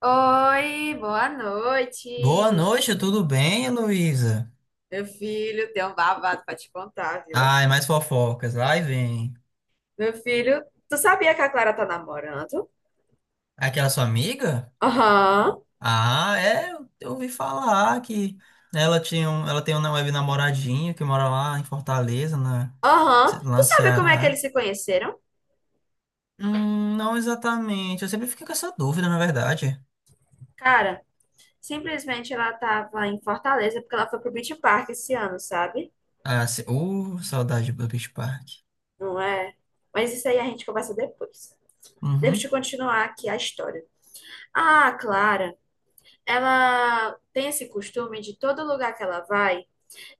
Oi, boa Boa noite. noite, tudo bem, Luísa? Meu filho, tem um babado pra te contar, viu? Ai, mais fofocas, lá e vem. Meu filho, tu sabia que a Clara tá namorando? Aquela sua amiga? Aham, Ah, é, eu ouvi falar que ela tinha um, ela tem uma web namoradinho que mora lá em Fortaleza, na, aham. lá Tu no sabe como é que eles Ceará. se conheceram? Não exatamente, eu sempre fiquei com essa dúvida, na verdade. Cara, simplesmente ela tava em Fortaleza porque ela foi pro Beach Park esse ano, sabe? Ah, se, saudade do Beach Park. Não é? Mas isso aí a gente conversa depois. Deixa Uhum. eu continuar aqui a história. Ah, a Clara, ela tem esse costume de todo lugar que ela vai,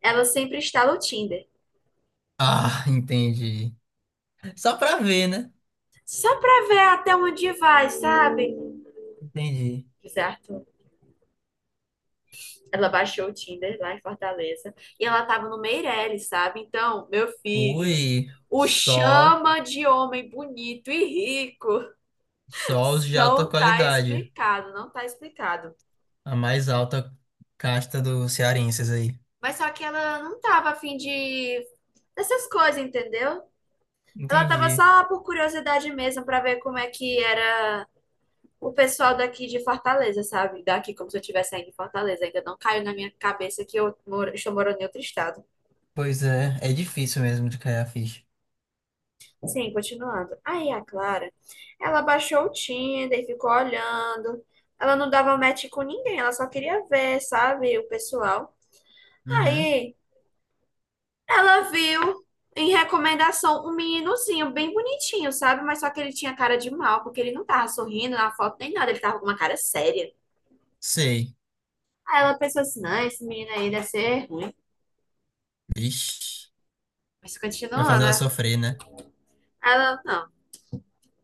ela sempre instala o Tinder. Ah, entendi. Só pra ver, né? Só pra ver até onde vai, sabe? Entendi. Certo? Ela baixou o Tinder lá em Fortaleza e ela tava no Meirelles, sabe? Então, meu filho, Ui, o só, chama de homem bonito e rico só os de alta não tá qualidade. explicado, não tá explicado. A mais alta casta dos cearenses aí. Mas só que ela não tava afim de dessas coisas, entendeu? Ela tava Entendi. só por curiosidade mesmo pra ver como é que era o pessoal daqui de Fortaleza, sabe? Daqui, como se eu estivesse saindo de Fortaleza. Ainda não caiu na minha cabeça que eu moro, estou morando em outro estado. Pois é, é difícil mesmo de cair a ficha. Sim, continuando. Aí a Clara, ela baixou o Tinder, e ficou olhando. Ela não dava match com ninguém, ela só queria ver, sabe, o pessoal. Uhum. Aí ela viu em recomendação um meninozinho bem bonitinho, sabe? Mas só que ele tinha cara de mal, porque ele não tava sorrindo na foto nem nada, ele tava com uma cara séria. Sei. Aí ela pensou assim: não, esse menino aí deve ser ruim. Ixi. Mas Vai continua, fazer ela né? sofrer, né? Ela, não,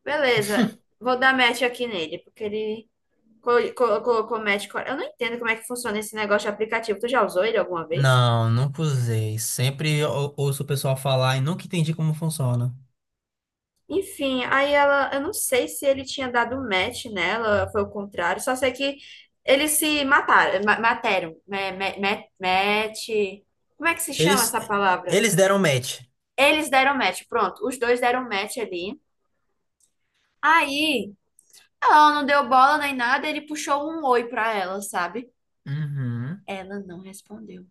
beleza, vou dar match aqui nele, porque ele colocou match. Eu não entendo como é que funciona esse negócio de aplicativo. Tu já usou ele alguma vez? Não, nunca usei. Sempre ouço o pessoal falar e nunca entendi como funciona. Enfim, aí eu não sei se ele tinha dado match nela, foi o contrário, só sei que eles se mataram, match. Como é que se chama Eles, essa palavra? eles deram match. Eles deram match, pronto, os dois deram match ali. Aí, ela não deu bola nem nada, ele puxou um oi pra ela, sabe? Uhum. Ela não respondeu.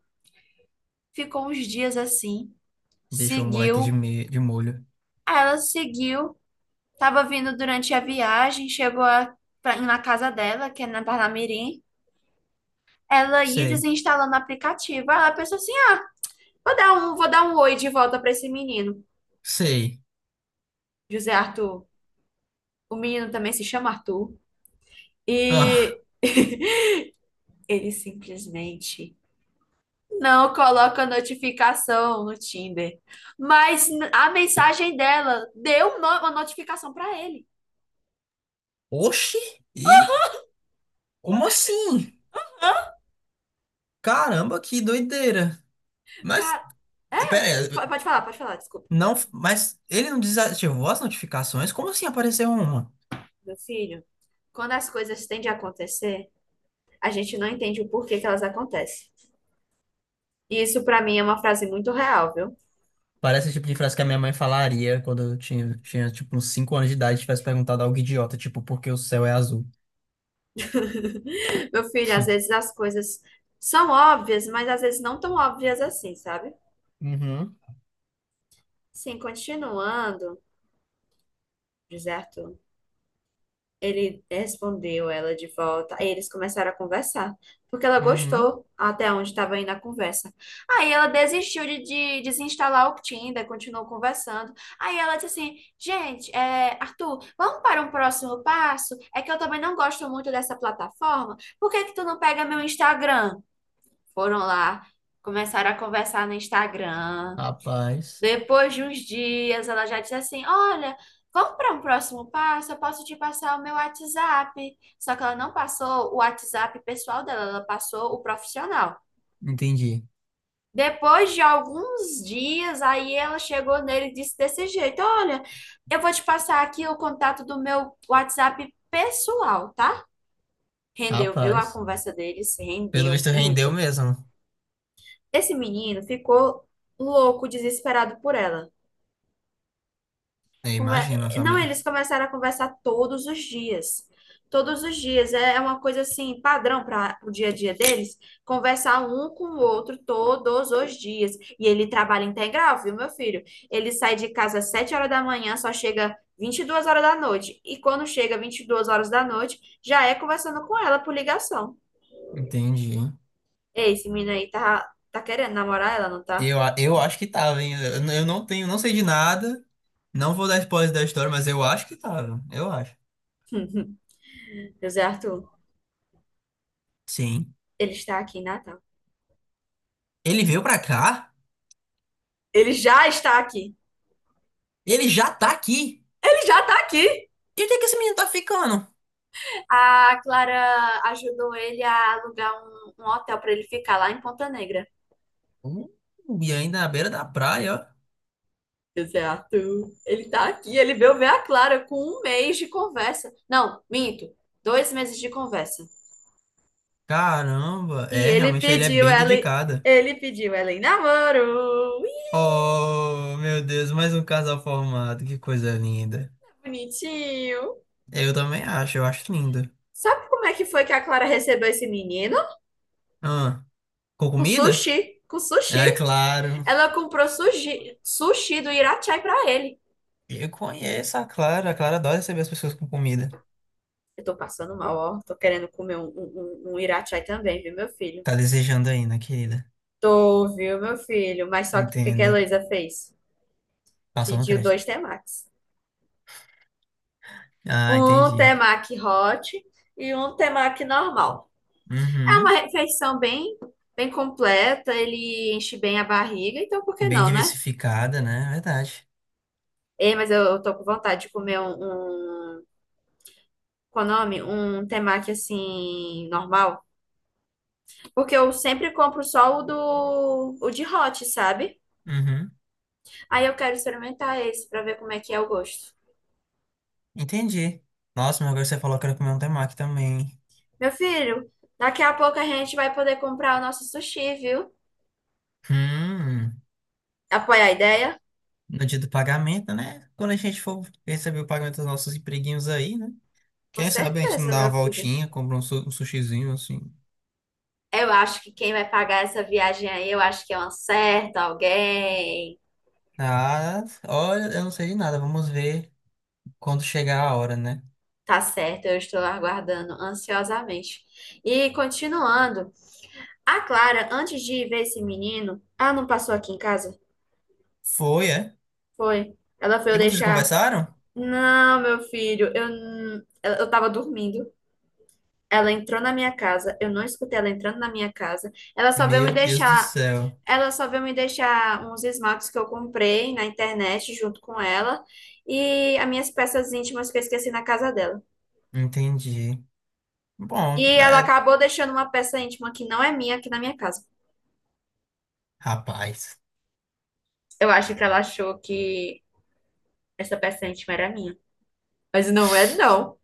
Ficou uns dias assim, Deixou o moleque de, seguiu, me... de molho. aí ela seguiu, estava vindo durante a viagem, chegou na casa dela, que é na Parnamirim. Ela ia Sei. desinstalando o aplicativo. Aí ela pensou assim: ah, vou dar um oi de volta para esse menino, Sei. José Arthur. O menino também se chama Arthur. Ah. E ele simplesmente não coloca notificação no Tinder. Mas a mensagem dela deu uma notificação para ele. Oxi! E como assim? Caramba, que doideira. Mas, Cara, é? pera aí, Pode falar, desculpa. não, mas ele não desativou as notificações? Como assim apareceu uma? Meu filho, quando as coisas tendem a acontecer, a gente não entende o porquê que elas acontecem. E isso pra mim é uma frase muito real, viu? Parece o tipo de frase que a minha mãe falaria quando eu tinha tipo, uns 5 anos de idade e tivesse perguntado algo idiota, tipo, por que o céu é azul? Meu filho, às vezes as coisas são óbvias, mas às vezes não tão óbvias assim, sabe? Uhum, Sim, continuando, deserto. Ele respondeu ela de volta. Aí eles começaram a conversar, porque ela uhum. gostou até onde estava indo a conversa. Aí ela desistiu de desinstalar o Tinder, continuou conversando. Aí ela disse assim: Gente, é, Arthur, vamos para um próximo passo? É que eu também não gosto muito dessa plataforma. Por que que tu não pega meu Instagram? Foram lá, começaram a conversar no Instagram. Rapaz, Depois de uns dias, ela já disse assim: Olha, vamos para um próximo passo, eu posso te passar o meu WhatsApp. Só que ela não passou o WhatsApp pessoal dela, ela passou o profissional. entendi. Depois de alguns dias, aí ela chegou nele e disse desse jeito: Olha, eu vou te passar aqui o contato do meu WhatsApp pessoal, tá? Rendeu, viu? A Rapaz. conversa deles Pelo rendeu visto rendeu muito. mesmo. Esse menino ficou louco, desesperado por ela. É, imagina, Não, família. eles começaram a conversar todos os dias. Todos os dias. É uma coisa assim, padrão para o dia a dia deles, conversar um com o outro todos os dias. E ele trabalha integral, viu, meu filho? Ele sai de casa às 7 horas da manhã, só chega 22 horas da noite. E quando chega 22 horas da noite, já é conversando com ela por ligação. Entendi. Ei, esse menino aí tá querendo namorar ela, não tá? Eu, eu acho que tava, hein? Eu não tenho, não sei de nada. Não vou dar spoiler da história, mas eu acho que tava. Eu acho. José Arthur, Sim. ele está aqui em Natal. Ele veio pra cá? Ele já está aqui. Ele já tá aqui? Ele já tá aqui. E onde é que esse menino tá ficando? A Clara ajudou ele a alugar um hotel para ele ficar lá em Ponta Negra. Uh, e ainda na beira da praia, ó. Exato. Ele tá aqui, ele veio ver a Clara com um mês de conversa. Não, minto, 2 meses de conversa. Caramba, E é, ele realmente ele é pediu bem ela, dedicado. ele pediu ela em namoro. Ih, Oh, meu Deus, mais um casal formado, que coisa linda. bonitinho. Eu também acho, eu acho lindo. Sabe como é que foi que a Clara recebeu esse menino? Ah, com Com comida? sushi, com sushi. É claro. Ela comprou sushi, sushi do Irachai pra ele. Eu conheço a Clara adora receber as pessoas com comida. Eu tô passando mal, ó. Tô querendo comer um irachai também, viu, meu filho? Tá desejando ainda, querida. Tô, viu, meu filho? Mas só que o que que a Entenda. Heloísa fez? Passou no Pediu crédito. dois temakis. Ah, Um entendi. temaki hot e um temaki normal. É uma Uhum. refeição bem, bem completa, ele enche bem a barriga, então por que Bem não, né? diversificada, né? Verdade. Ei, mas eu tô com vontade de comer um, qual é o nome? Um temaki assim, normal. Porque eu sempre compro só o de hot, sabe? Uhum. Aí eu quero experimentar esse pra ver como é que é o gosto. Entendi. Nossa, mas agora você falou que era comer um temaki também. Meu filho, daqui a pouco a gente vai poder comprar o nosso sushi, viu? Hum, Apoia a ideia? no dia do pagamento, né? Quando a gente for receber o pagamento dos nossos empreguinhos aí, né? Com Quem sabe a gente não certeza, dá uma meu filho. voltinha, compra um, um sushizinho assim. Eu acho que quem vai pagar essa viagem aí, eu acho que é um certo alguém. Ah, olha, eu não sei de nada. Vamos ver quando chegar a hora, né? Tá certo, eu estou aguardando ansiosamente. E continuando, a Clara, antes de ir ver esse menino, ah, não passou aqui em casa? Foi, é? Foi. Ela foi eu E vocês deixar. conversaram? Não, meu filho, eu, n- eu tava dormindo. Ela entrou na minha casa, eu não escutei ela entrando na minha casa. Meu Deus do céu. Ela só veio me deixar uns esmaltes que eu comprei na internet junto com ela e as minhas peças íntimas que eu esqueci na casa dela. Entendi. E Bom, ela é... acabou deixando uma peça íntima que não é minha aqui na minha casa. rapaz. Eu acho que ela achou que essa peça íntima era minha, mas não é não.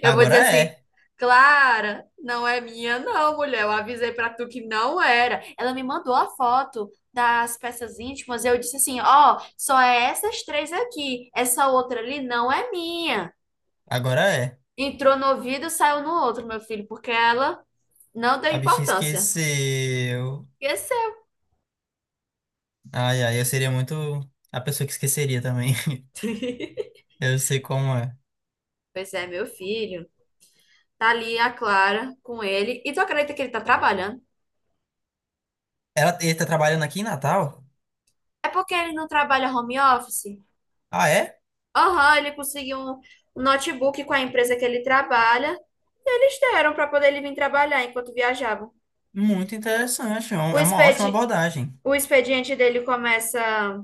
Eu vou Agora dizer assim, é. Clara, não é minha, não, mulher. Eu avisei pra tu que não era. Ela me mandou a foto das peças íntimas. E Eu disse assim: ó, só é essas três aqui. Essa outra ali não é minha. Agora é. Entrou no ouvido, saiu no outro, meu filho, porque ela não deu A bichinha importância. esqueceu. Esqueceu. Ai, ai, eu seria muito a pessoa que esqueceria também. Eu sei como é. Pois é, meu filho. Tá ali a Clara com ele. E tu acredita que ele tá trabalhando? Ela, ele tá trabalhando aqui em Natal? É porque ele não trabalha home office? Ah, é? Aham, ele conseguiu um notebook com a empresa que ele trabalha. E eles deram para poder ele vir trabalhar enquanto viajava. Muito interessante. É O é uma ótima expedi- abordagem. o expediente dele começa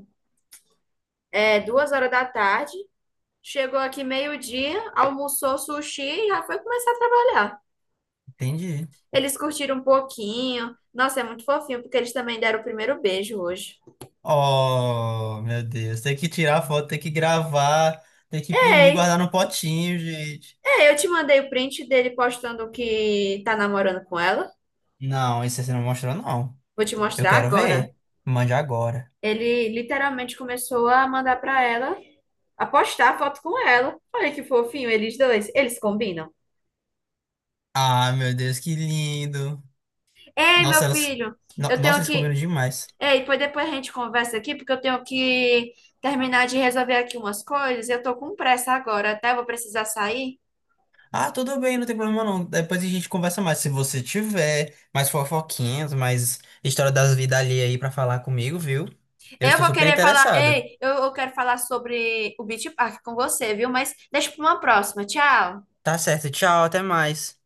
2 horas da tarde. Chegou aqui meio-dia, almoçou sushi e já foi começar a trabalhar. Entendi. Eles curtiram um pouquinho. Nossa, é muito fofinho, porque eles também deram o primeiro beijo hoje. Oh, meu Deus. Tem que tirar a foto, tem que gravar, tem que imprimir, Ei, guardar no potinho, gente. ei, eu te mandei o print dele postando que tá namorando com ela. Não, isso você não mostrou, não. Vou te Eu mostrar quero agora. ver. Mande agora. Ele literalmente começou a mandar pra ela, a postar foto com ela. Olha que fofinho, eles dois. Eles combinam. Ah, meu Deus, que lindo. Ei, meu Nossa, elas... filho, eu Nossa, tenho eles combinam que. demais. Ei, pois depois a gente conversa aqui, porque eu tenho que terminar de resolver aqui umas coisas. Eu tô com pressa agora, tá? Eu vou precisar sair. Ah, tudo bem, não tem problema não. Depois a gente conversa mais. Se você tiver mais fofoquinhas, mais história das vidas ali aí pra falar comigo, viu? Eu Eu estou vou super querer falar. interessado. Ei, eu quero falar sobre o Beach Park com você, viu? Mas deixa pra uma próxima. Tchau. Tá certo, tchau, até mais.